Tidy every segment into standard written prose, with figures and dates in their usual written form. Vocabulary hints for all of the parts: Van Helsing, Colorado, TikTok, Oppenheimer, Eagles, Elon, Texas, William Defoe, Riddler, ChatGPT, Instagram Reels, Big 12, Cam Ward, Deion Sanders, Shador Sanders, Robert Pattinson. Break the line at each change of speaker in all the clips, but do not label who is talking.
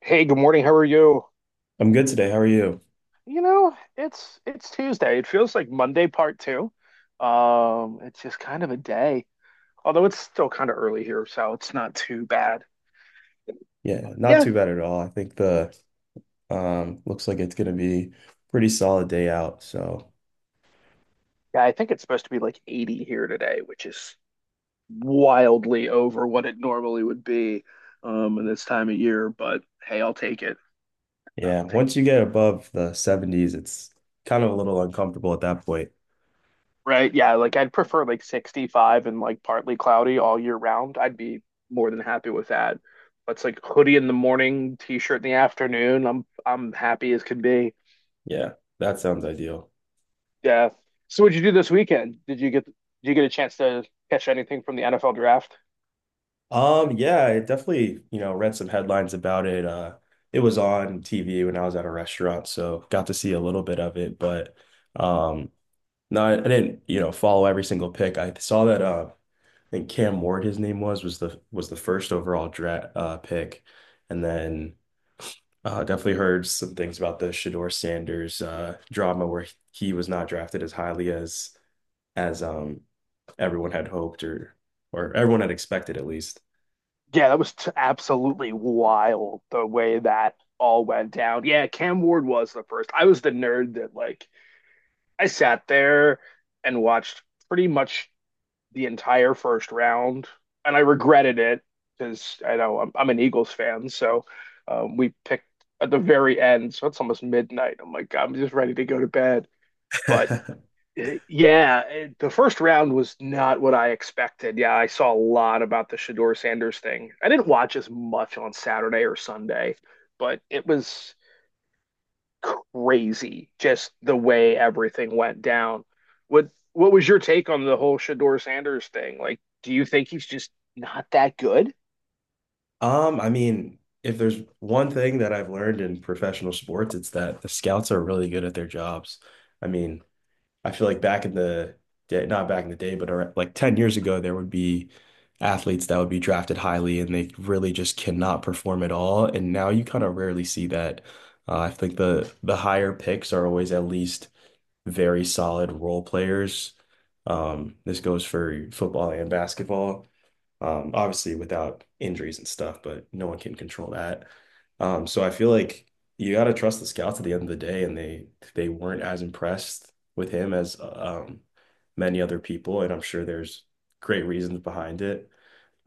Hey, good morning. How are you?
I'm good today. How are you?
It's Tuesday. It feels like Monday part two. It's just kind of a day. Although it's still kind of early here, so it's not too bad. But
Yeah, not
yeah,
too bad at all. I think the looks like it's gonna be pretty solid day out. So
yeah, I think it's supposed to be like 80 here today, which is wildly over what it normally would be in this time of year, but hey, I'll take it. I'll
yeah,
take.
once you get above the 70s, it's kind of a little uncomfortable at that point.
Right? Yeah, like I'd prefer like 65 and like partly cloudy all year round. I'd be more than happy with that. But it's like hoodie in the morning, t-shirt in the afternoon. I'm happy as can be.
Yeah, that sounds ideal.
Yeah. So what'd you do this weekend? Did you get a chance to catch anything from the NFL draft?
Yeah, I definitely, you know, read some headlines about it. It was on TV when I was at a restaurant, so got to see a little bit of it, but um no, I didn't, you know, follow every single pick. I saw that I think Cam Ward, his name was the first overall draft pick, and then definitely heard some things about the Shador Sanders drama where he was not drafted as highly as as everyone had hoped or everyone had expected at least.
Yeah, that was t absolutely wild the way that all went down. Yeah, Cam Ward was the first. I was the nerd that, like, I sat there and watched pretty much the entire first round, and I regretted it because I know I'm an Eagles fan, so we picked at the very end, so it's almost midnight. I'm like, I'm just ready to go to bed. But yeah, the first round was not what I expected. Yeah, I saw a lot about the Shador Sanders thing. I didn't watch as much on Saturday or Sunday, but it was crazy just the way everything went down. What was your take on the whole Shador Sanders thing? Like, do you think he's just not that good?
I mean, if there's one thing that I've learned in professional sports, it's that the scouts are really good at their jobs. I mean, I feel like back in the day, not back in the day, but like 10 years ago, there would be athletes that would be drafted highly and they really just cannot perform at all. And now you kind of rarely see that. I think the higher picks are always at least very solid role players. This goes for football and basketball. Obviously without injuries and stuff, but no one can control that. So I feel like you got to trust the scouts at the end of the day, and they weren't as impressed with him as many other people, and I'm sure there's great reasons behind it.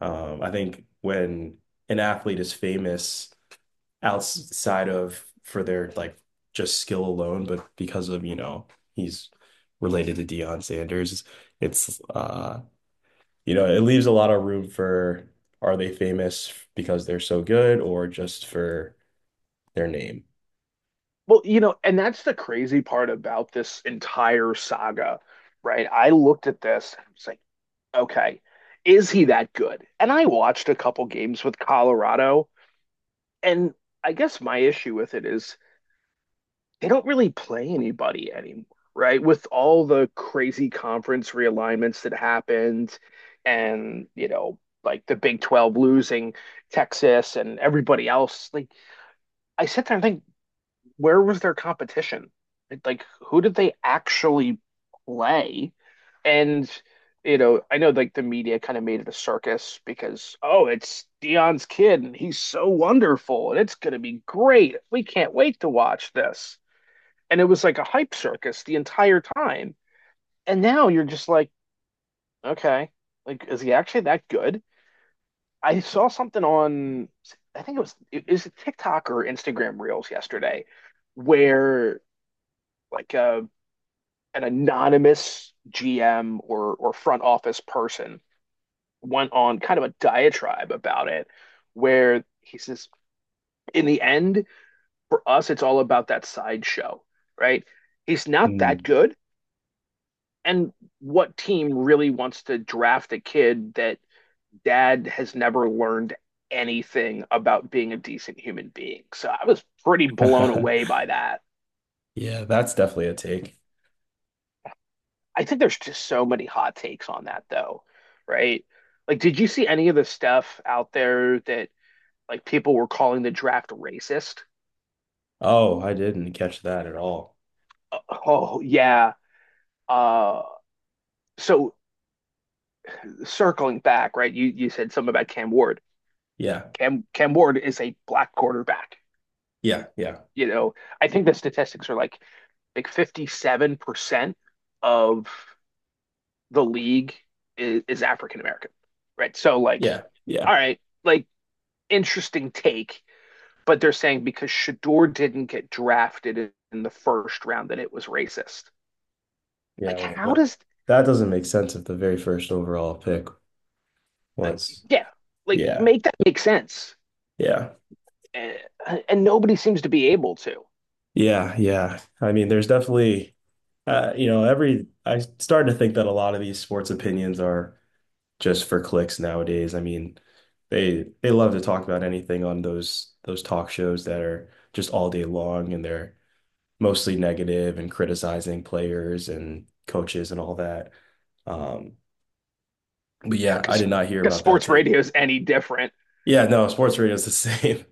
I think when an athlete is famous outside of for their like just skill alone, but because of, you know, he's related to Deion Sanders, it's you know, it leaves a lot of room for are they famous because they're so good or just for their name?
Well, you know, and that's the crazy part about this entire saga, right? I looked at this and I was like, okay, is he that good? And I watched a couple games with Colorado, and I guess my issue with it is they don't really play anybody anymore, right? With all the crazy conference realignments that happened and, you know, like the Big 12 losing Texas and everybody else, like I sit there and think, where was their competition? Like, who did they actually play? And, you know, I know like the media kind of made it a circus because, oh, it's Dion's kid and he's so wonderful and it's going to be great. We can't wait to watch this, and it was like a hype circus the entire time. And now you're just like, okay, like is he actually that good? I saw something on, I think it was TikTok or Instagram Reels yesterday, where like a an anonymous GM or front office person went on kind of a diatribe about it, where he says, in the end, for us, it's all about that sideshow, right? He's not that
Mm.
good, and what team really wants to draft a kid that dad has never learned anything about being a decent human being? So I was pretty blown away by that.
Yeah, that's definitely a take.
I think there's just so many hot takes on that though, right? Like, did you see any of the stuff out there that like people were calling the draft racist?
Oh, I didn't catch that at all.
Oh oh, yeah. Uh, so circling back, right? You said something about Cam Ward.
Yeah,
Cam Ward is a black quarterback.
yeah, yeah,
You know, I think the statistics are like 57% of the league is African American, right? So like,
yeah, yeah,
all right, like interesting take, but they're saying because Shador didn't get drafted in the first round that it was racist.
yeah.
Like,
Well,
how does,
that doesn't make sense if the very first overall pick was.
yeah, like
Yeah,
make that make sense?
yeah,
And, and nobody seems to be able to,
yeah, yeah. I mean, there's definitely, you know, every I started to think that a lot of these sports opinions are just for clicks nowadays. I mean, they love to talk about anything on those talk shows that are just all day long and they're mostly negative and criticizing players and coaches and all that. Um, but yeah, I
because
did not
yeah,
hear
because
about that
sports
take.
radio is any different.
Yeah, no, sports radio is the same.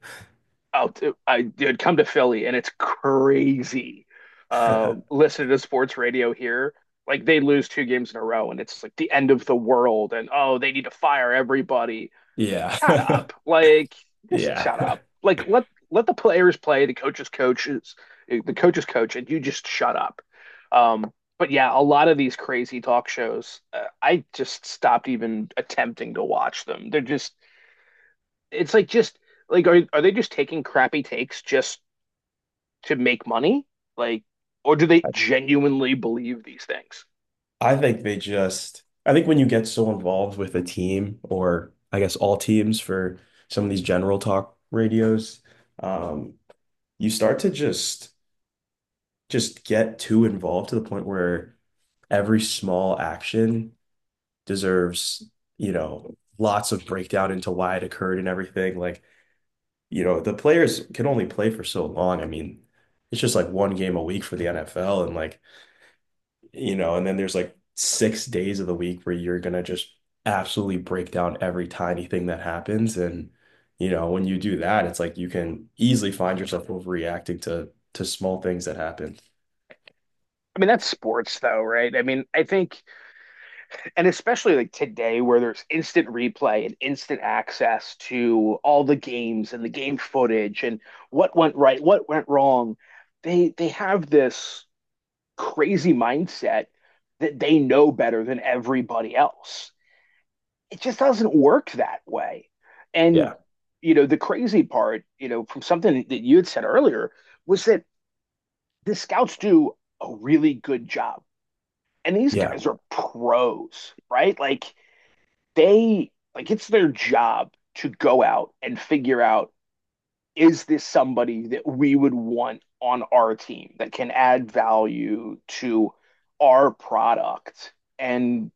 Oh, I did come to Philly and it's crazy. Listening to sports radio here, like they lose two games in a row and it's like the end of the world and oh, they need to fire everybody.
Yeah.
Shut up. Like, just
Yeah.
shut up. Like, let let the players play, the coaches coach, and you just shut up. Um, but yeah, a lot of these crazy talk shows, I just stopped even attempting to watch them. They're just, it's like just like, are they just taking crappy takes just to make money? Like, or do they genuinely believe these things?
I think when you get so involved with a team, or I guess all teams for some of these general talk radios, um, you start to just get too involved to the point where every small action deserves, you know, lots of breakdown into why it occurred and everything. Like, you know, the players can only play for so long. I mean, it's just like one game a week for the NFL and like, you know, and then there's like 6 days of the week where you're gonna just absolutely break down every tiny thing that happens. And, you know, when you do that, it's like you can easily find yourself overreacting to small things that happen.
I mean, that's sports, though, right? I mean, I think, and especially like today, where there's instant replay and instant access to all the games and the game footage and what went right, what went wrong, they have this crazy mindset that they know better than everybody else. It just doesn't work that way. And,
Yeah.
you know, the crazy part, you know, from something that you had said earlier, was that the scouts do a really good job. And these
Yeah,
guys are pros, right? Like, they, like, it's their job to go out and figure out, is this somebody that we would want on our team that can add value to our product and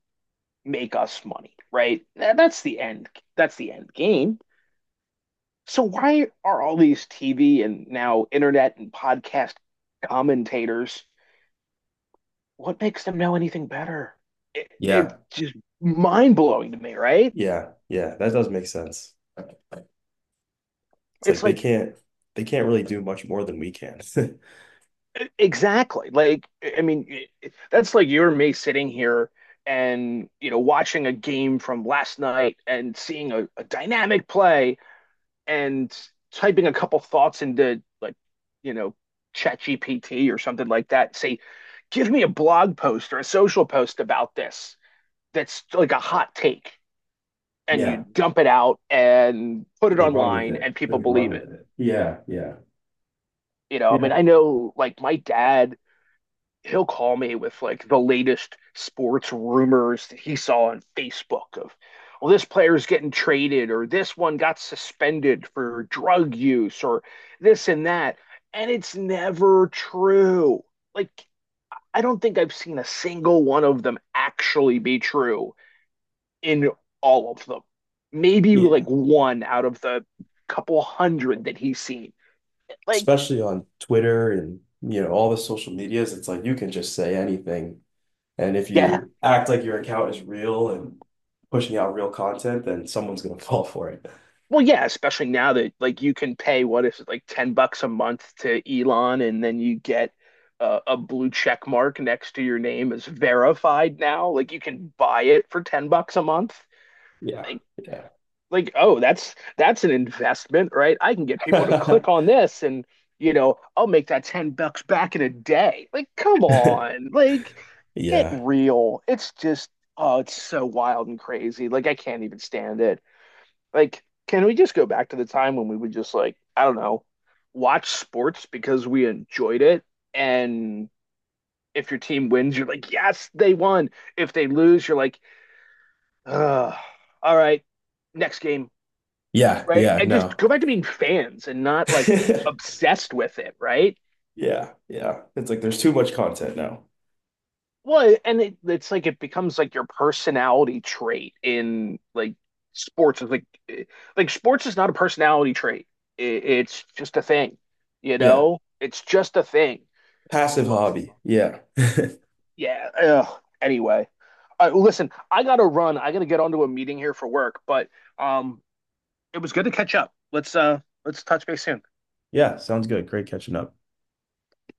make us money, right? That's the end. That's the end game. So why are all these TV and now internet and podcast commentators, what makes them know anything better? It's
yeah,
just mind blowing to me, right?
yeah, yeah. That does make sense. It's like
It's like,
they can't really do much more than we can.
exactly, I mean, that's like you and me sitting here and, you know, watching a game from last night and seeing a dynamic play and typing a couple thoughts into, like, you know, ChatGPT or something like that. Say, give me a blog post or a social post about this that's like a hot take, and you
Yeah,
dump it out and put it
just run with
online
it.
and people
Just run
believe
with
it.
it. Yeah, yeah,
You know, I mean,
yeah,
I know like my dad, he'll call me with like the latest sports rumors that he saw on Facebook of, well, this player's getting traded or this one got suspended for drug use or this and that. And it's never true. Like, I don't think I've seen a single one of them actually be true in all of them. Maybe like
yeah.
one out of the couple hundred that he's seen. Like,
Especially on Twitter and you know all the social medias, it's like you can just say anything, and if
yeah.
you act like your account is real and pushing out real content, then someone's gonna fall for it.
Well, yeah, especially now that like you can pay, what is it, like $10 a month to Elon, and then you get a blue check mark next to your name as verified now. Like you can buy it for $10 a month.
Yeah,
Like like, oh, that's an investment, right? I can get people to
yeah,
click on this and, you know, I'll make that $10 back in a day. Like, come on, like, get
yeah,
real. It's just, oh, it's so wild and crazy, like I can't even stand it. Like, can we just go back to the time when we would just, like, I don't know, watch sports because we enjoyed it, and if your team wins, you're like, yes, they won. If they lose, you're like, ugh, all right, next game, right?
yeah.
And just
No.
go back to being fans and not like obsessed with it, right?
Yeah, yeah. It's like there's too much content now.
Well, and it's like it becomes like your personality trait in like sports. It's like, eh, like sports is not a personality trait. It's just a thing, you
Yeah.
know? It's just a thing.
Passive
But
hobby. Yeah.
yeah, ugh. Anyway. All right, listen, I gotta run. I gotta get onto a meeting here for work, but um it was good to catch up. Let's, let's touch base soon.
Yeah, sounds good. Great catching up.